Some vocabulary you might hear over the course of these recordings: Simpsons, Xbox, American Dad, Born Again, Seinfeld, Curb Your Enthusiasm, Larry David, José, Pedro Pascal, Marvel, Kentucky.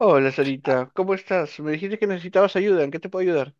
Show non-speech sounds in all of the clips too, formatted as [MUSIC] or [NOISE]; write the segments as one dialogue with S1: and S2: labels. S1: Hola, Sarita, ¿cómo estás? Me dijiste que necesitabas ayuda, ¿en qué te puedo ayudar?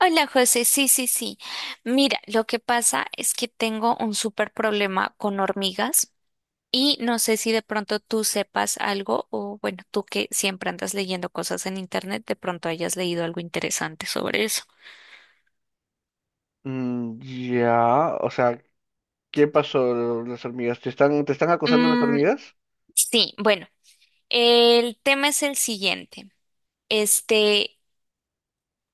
S2: Hola José, sí, sí, sí. Mira, lo que pasa es que tengo un súper problema con hormigas y no sé si de pronto tú sepas algo o bueno, tú que siempre andas leyendo cosas en internet, de pronto hayas leído algo interesante sobre eso.
S1: Mm, ya, o sea, ¿qué pasó las hormigas? ¿Te están acosando las
S2: Mm,
S1: hormigas?
S2: sí, bueno, el tema es el siguiente. Este,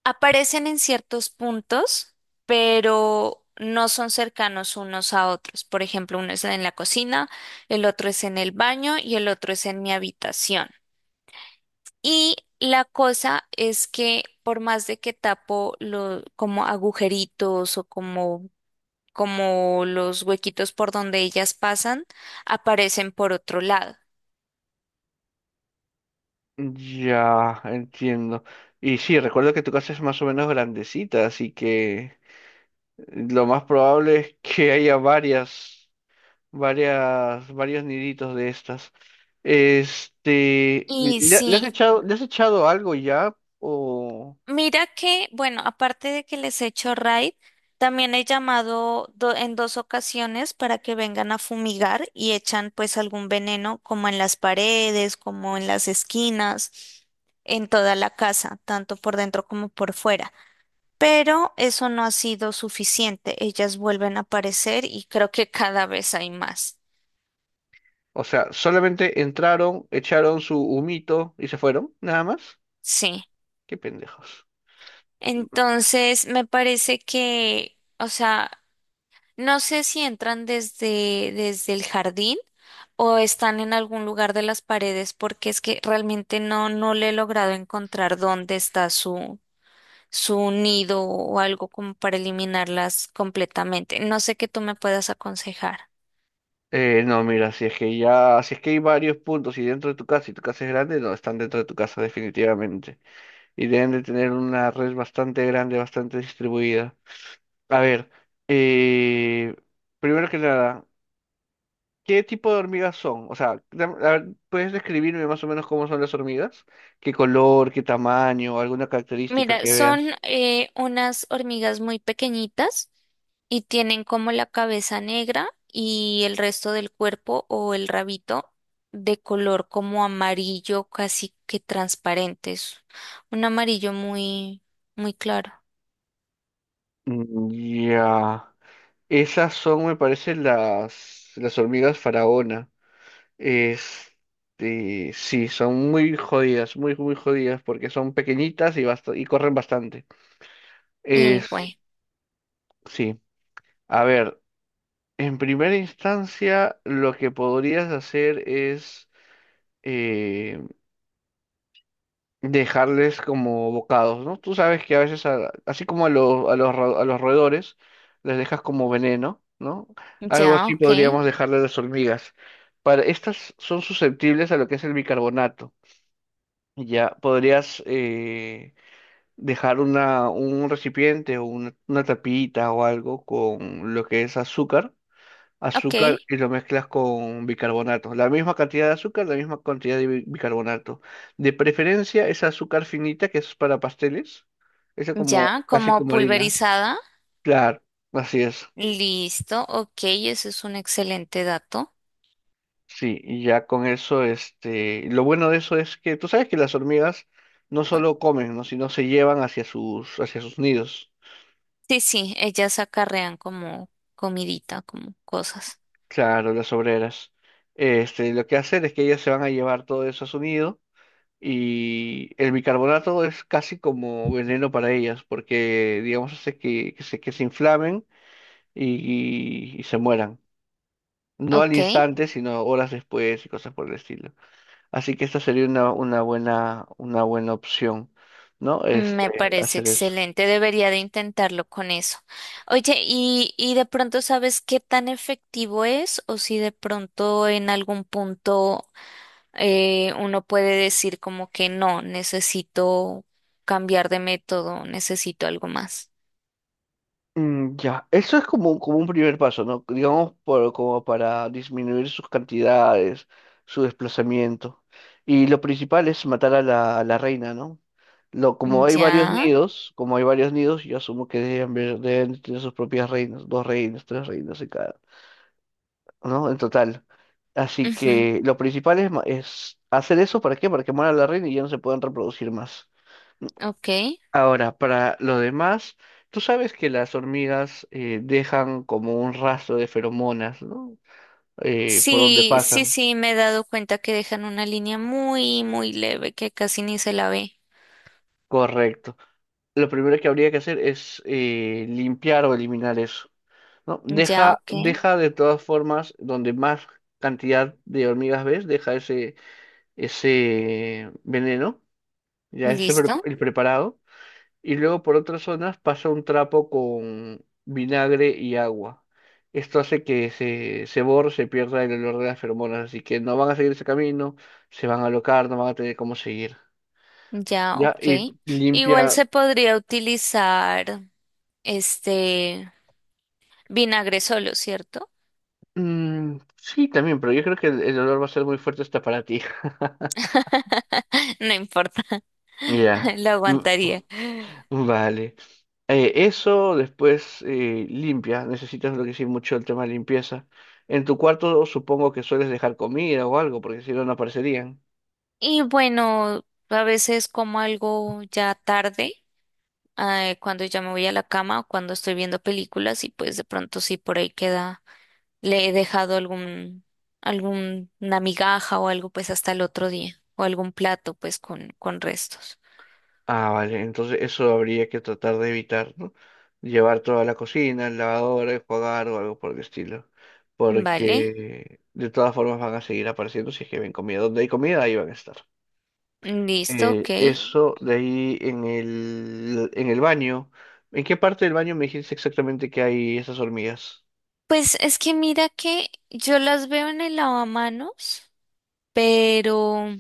S2: Aparecen en ciertos puntos, pero no son cercanos unos a otros. Por ejemplo, uno es en la cocina, el otro es en el baño y el otro es en mi habitación. Y la cosa es que por más de que tapo lo, como agujeritos o como, como los huequitos por donde ellas pasan, aparecen por otro lado.
S1: Ya, entiendo. Y sí, recuerdo que tu casa es más o menos grandecita, así que lo más probable es que haya varios niditos de estas.
S2: Y sí,
S1: Le has echado algo ya? O...
S2: mira que, bueno, aparte de que les he hecho raid, también he llamado en 2 ocasiones para que vengan a fumigar y echan pues algún veneno como en las paredes, como en las esquinas, en toda la casa, tanto por dentro como por fuera. Pero eso no ha sido suficiente. Ellas vuelven a aparecer y creo que cada vez hay más.
S1: O sea, solamente entraron, echaron su humito y se fueron, nada más.
S2: Sí.
S1: Qué pendejos.
S2: Entonces, me parece que, o sea, no sé si entran desde el jardín o están en algún lugar de las paredes, porque es que realmente no, no le he logrado encontrar dónde está su, su nido o algo como para eliminarlas completamente. No sé qué tú me puedas aconsejar.
S1: No, mira, si es que ya, si es que hay varios puntos y dentro de tu casa y tu casa es grande, no, están dentro de tu casa definitivamente. Y deben de tener una red bastante grande, bastante distribuida. A ver, eh, primero que nada, ¿qué tipo de hormigas son? O sea, a ver, ¿puedes describirme más o menos cómo son las hormigas? ¿Qué color, qué tamaño, alguna característica
S2: Mira,
S1: que
S2: son
S1: veas?
S2: unas hormigas muy pequeñitas y tienen como la cabeza negra y el resto del cuerpo o el rabito de color como amarillo, casi que transparente. Es un amarillo muy, muy claro.
S1: Mm, ya. Esas son, me parece, las hormigas faraona. Sí, son muy jodidas, muy, muy jodidas, porque son pequeñitas y, y corren bastante.
S2: Y
S1: Es,
S2: bueno,
S1: sí. A ver, en primera instancia, lo que podrías hacer es eh, dejarles como bocados, ¿no? Tú sabes que a veces, así como a, los a los, a los roedores, les dejas como veneno, ¿no? Algo
S2: ya,
S1: así
S2: ok,
S1: podríamos dejarle a las hormigas. Para, estas son susceptibles a lo que es el bicarbonato. Ya podrías dejar una, un recipiente o una tapita o algo con lo que es
S2: ok,
S1: azúcar y lo mezclas con bicarbonato. La misma cantidad de azúcar, la misma cantidad de bicarbonato. De preferencia esa azúcar finita que es para pasteles, esa como
S2: ya,
S1: casi
S2: como
S1: como harina.
S2: pulverizada.
S1: Claro, así es.
S2: Listo, ok, eso es un excelente dato.
S1: Sí, y ya con eso, lo bueno de eso es que tú sabes que las hormigas no solo comen, ¿no? sino se llevan hacia sus nidos.
S2: Sí, sí, ellas acarrean como comidita, como cosas.
S1: Claro, las obreras. Lo que hacen es que ellas se van a llevar todo eso a su nido. Y el bicarbonato es casi como veneno para ellas, porque, digamos, hace que, que se inflamen y, y se mueran. No al
S2: Ok.
S1: instante, sino horas después y cosas por el estilo. Así que esta sería una buena opción, ¿no?
S2: Me parece
S1: Hacer eso.
S2: excelente, debería de intentarlo con eso. Oye, y de pronto sabes qué tan efectivo es o si de pronto en algún punto uno puede decir como que no, necesito cambiar de método, necesito algo más?
S1: Mm, ya, eso es como, como un primer paso, ¿no? Digamos, por, como para disminuir sus cantidades, su desplazamiento. Y lo principal es matar a a la reina, ¿no? Lo, como hay varios
S2: Ya,
S1: nidos, como hay varios nidos, yo asumo que deben, deben tener sus propias reinas, dos reinas, tres reinas en cada, ¿no? En total. Así
S2: ujú,
S1: que lo principal es, es hacer eso, ¿para qué? Para que muera la reina y ya no se puedan reproducir más.
S2: ok.
S1: Ahora, para lo demás, tú sabes que las hormigas dejan como un rastro de feromonas, ¿no? Por donde
S2: Sí, sí,
S1: pasan.
S2: sí, me he dado cuenta que dejan una línea muy, muy leve que casi ni se la ve.
S1: Correcto. Lo primero que habría que hacer es limpiar o eliminar eso, ¿no?
S2: Ya, ok,
S1: Deja de todas formas, donde más cantidad de hormigas ves, deja ese, ese veneno, ya ese
S2: listo.
S1: el preparado. Y luego por otras zonas pasa un trapo con vinagre y agua. Esto hace que se borre, se pierda el olor de las feromonas, así que no van a seguir ese camino, se van a alocar, no van a tener cómo seguir.
S2: Ya,
S1: Ya,
S2: ok.
S1: y
S2: Igual
S1: limpia.
S2: se podría utilizar este vinagre solo, ¿cierto?
S1: Mm, sí, también, pero yo creo que el olor va a ser muy fuerte hasta para ti. [LAUGHS]
S2: [LAUGHS] No importa, [LAUGHS]
S1: Ya.
S2: lo
S1: Mm,
S2: aguantaría.
S1: vale. Eso después limpia. Necesitas lo que sí mucho el tema de limpieza. En tu cuarto supongo que sueles dejar comida o algo, porque si no, no aparecerían.
S2: Y bueno, a veces como algo ya tarde, cuando ya me voy a la cama o cuando estoy viendo películas y pues de pronto sí por ahí queda, le he dejado algún, alguna migaja o algo pues hasta el otro día o algún plato pues con restos.
S1: Ah, vale, entonces eso habría que tratar de evitar, ¿no? Llevar toda la cocina, el lavadora, enjuagar o algo por el estilo.
S2: Vale.
S1: Porque de todas formas van a seguir apareciendo si es que ven comida. Donde hay comida, ahí van a estar.
S2: Listo, ok.
S1: Eso de ahí en en el baño. ¿En qué parte del baño me dijiste exactamente que hay esas hormigas?
S2: Pues es que mira que yo las veo en el lavamanos, pero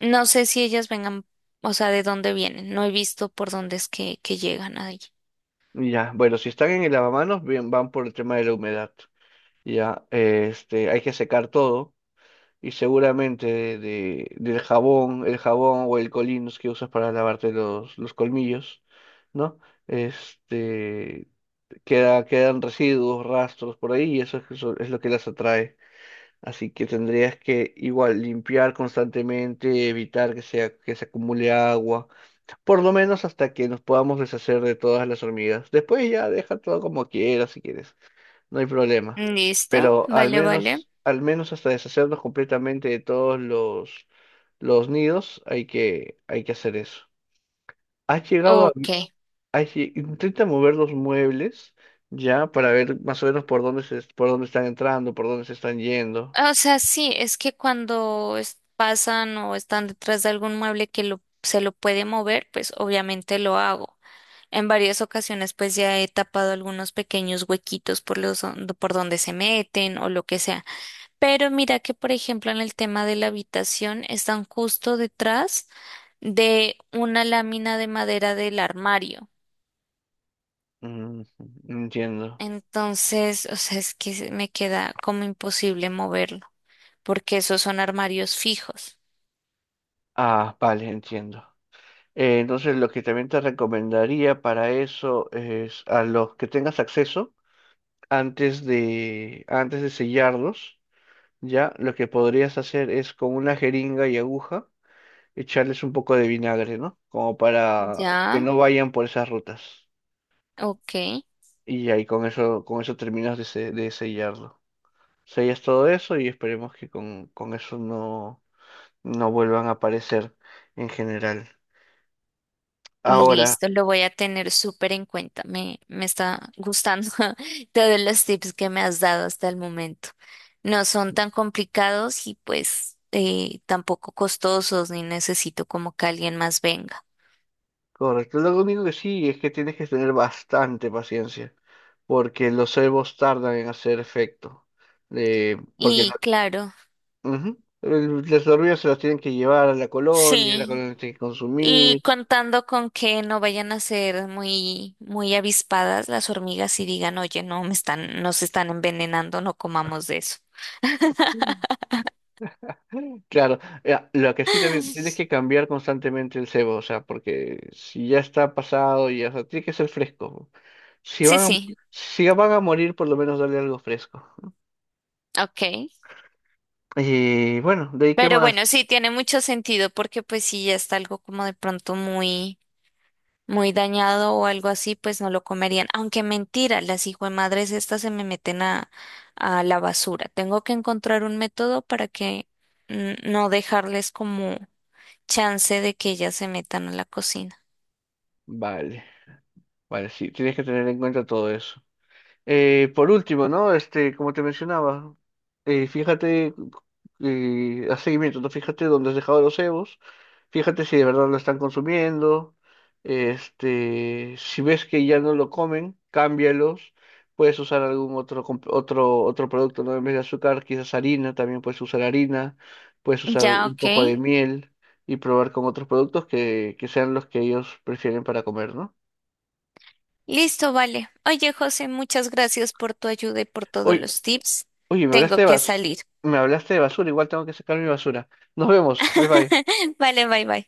S2: no sé si ellas vengan, o sea, de dónde vienen. No he visto por dónde es que llegan ahí.
S1: Ya, bueno, si están en el lavamanos, bien, van por el tema de la humedad. Ya, hay que secar todo. Y seguramente de, del jabón, el jabón o el Colins que usas para lavarte los colmillos, ¿no? Este, queda, quedan residuos, rastros por ahí y eso es lo que las atrae. Así que tendrías que igual limpiar constantemente, evitar que sea, que se acumule agua, por lo menos hasta que nos podamos deshacer de todas las hormigas. Después ya deja todo como quieras si quieres. No hay problema.
S2: Listo,
S1: Pero
S2: vale, vale.
S1: al menos hasta deshacernos completamente de todos los nidos, hay que hacer eso. ¿Has llegado a,
S2: Ok.
S1: has intenta mover los muebles ya para ver más o menos por dónde se, por dónde están entrando, por dónde se están yendo?
S2: O sea, sí, es que cuando pasan o están detrás de algún mueble que lo, se lo puede mover, pues obviamente lo hago. En varias ocasiones pues ya he tapado algunos pequeños huequitos por los, por donde se meten o lo que sea. Pero mira que, por ejemplo, en el tema de la habitación están justo detrás de una lámina de madera del armario.
S1: Mm, entiendo.
S2: Entonces, o sea, es que me queda como imposible moverlo, porque esos son armarios fijos.
S1: Ah, vale, entiendo. Entonces lo que también te recomendaría para eso es a los que tengas acceso antes de sellarlos. Ya, lo que podrías hacer es con una jeringa y aguja echarles un poco de vinagre, ¿no? Como para que
S2: Ya,
S1: no vayan por esas rutas.
S2: ok.
S1: Y ahí con eso terminas de, de sellarlo. Sellas todo eso y esperemos que con eso no, no vuelvan a aparecer en general. Ahora,
S2: Listo, lo voy a tener súper en cuenta. Me está gustando [LAUGHS] todos los tips que me has dado hasta el momento. No son tan complicados y pues tampoco costosos, ni necesito como que alguien más venga.
S1: correcto, lo único que sí es que tienes que tener bastante paciencia, porque los cebos tardan en hacer efecto. Porque
S2: Y claro,
S1: Ujú. Las hormigas se las tienen que llevar a la
S2: sí.
S1: colonia tiene que
S2: Y
S1: consumir.
S2: contando con que no vayan a ser muy, muy avispadas las hormigas y digan, oye, no, me están, nos están envenenando, no comamos de eso.
S1: Claro, lo que sí también tienes
S2: [LAUGHS]
S1: que cambiar constantemente el cebo, o sea, porque si ya está pasado, ya, o sea, tiene que ser fresco. Si
S2: Sí,
S1: van a,
S2: sí,
S1: si van a morir, por lo menos darle algo fresco.
S2: ok.
S1: Y bueno, de ahí qué
S2: Pero bueno,
S1: más.
S2: sí, tiene mucho sentido porque pues si ya está algo como de pronto muy, muy dañado o algo así, pues no lo comerían. Aunque mentira, las madres estas se me meten a la basura. Tengo que encontrar un método para que no dejarles como chance de que ellas se metan a la cocina.
S1: Vale, vale, sí, tienes que tener en cuenta todo eso. Por último, ¿no? Como te mencionaba, fíjate, haz seguimiento, ¿no? Fíjate dónde has dejado los cebos, fíjate si de verdad lo están consumiendo, si ves que ya no lo comen, cámbialos, puedes usar algún otro, otro producto, ¿no? En vez de azúcar, quizás harina, también puedes usar harina, puedes usar
S2: Ya,
S1: un poco
S2: ok.
S1: de miel y probar con otros productos que sean los que ellos prefieren para comer, ¿no?
S2: Listo, vale. Oye, José, muchas gracias por tu ayuda y por todos
S1: Oye,
S2: los tips.
S1: Oye, me
S2: Tengo
S1: hablaste de
S2: que
S1: basura.
S2: salir.
S1: Me hablaste de basura, igual tengo que sacar mi basura. Nos vemos. Bye bye.
S2: [LAUGHS] Vale, bye bye.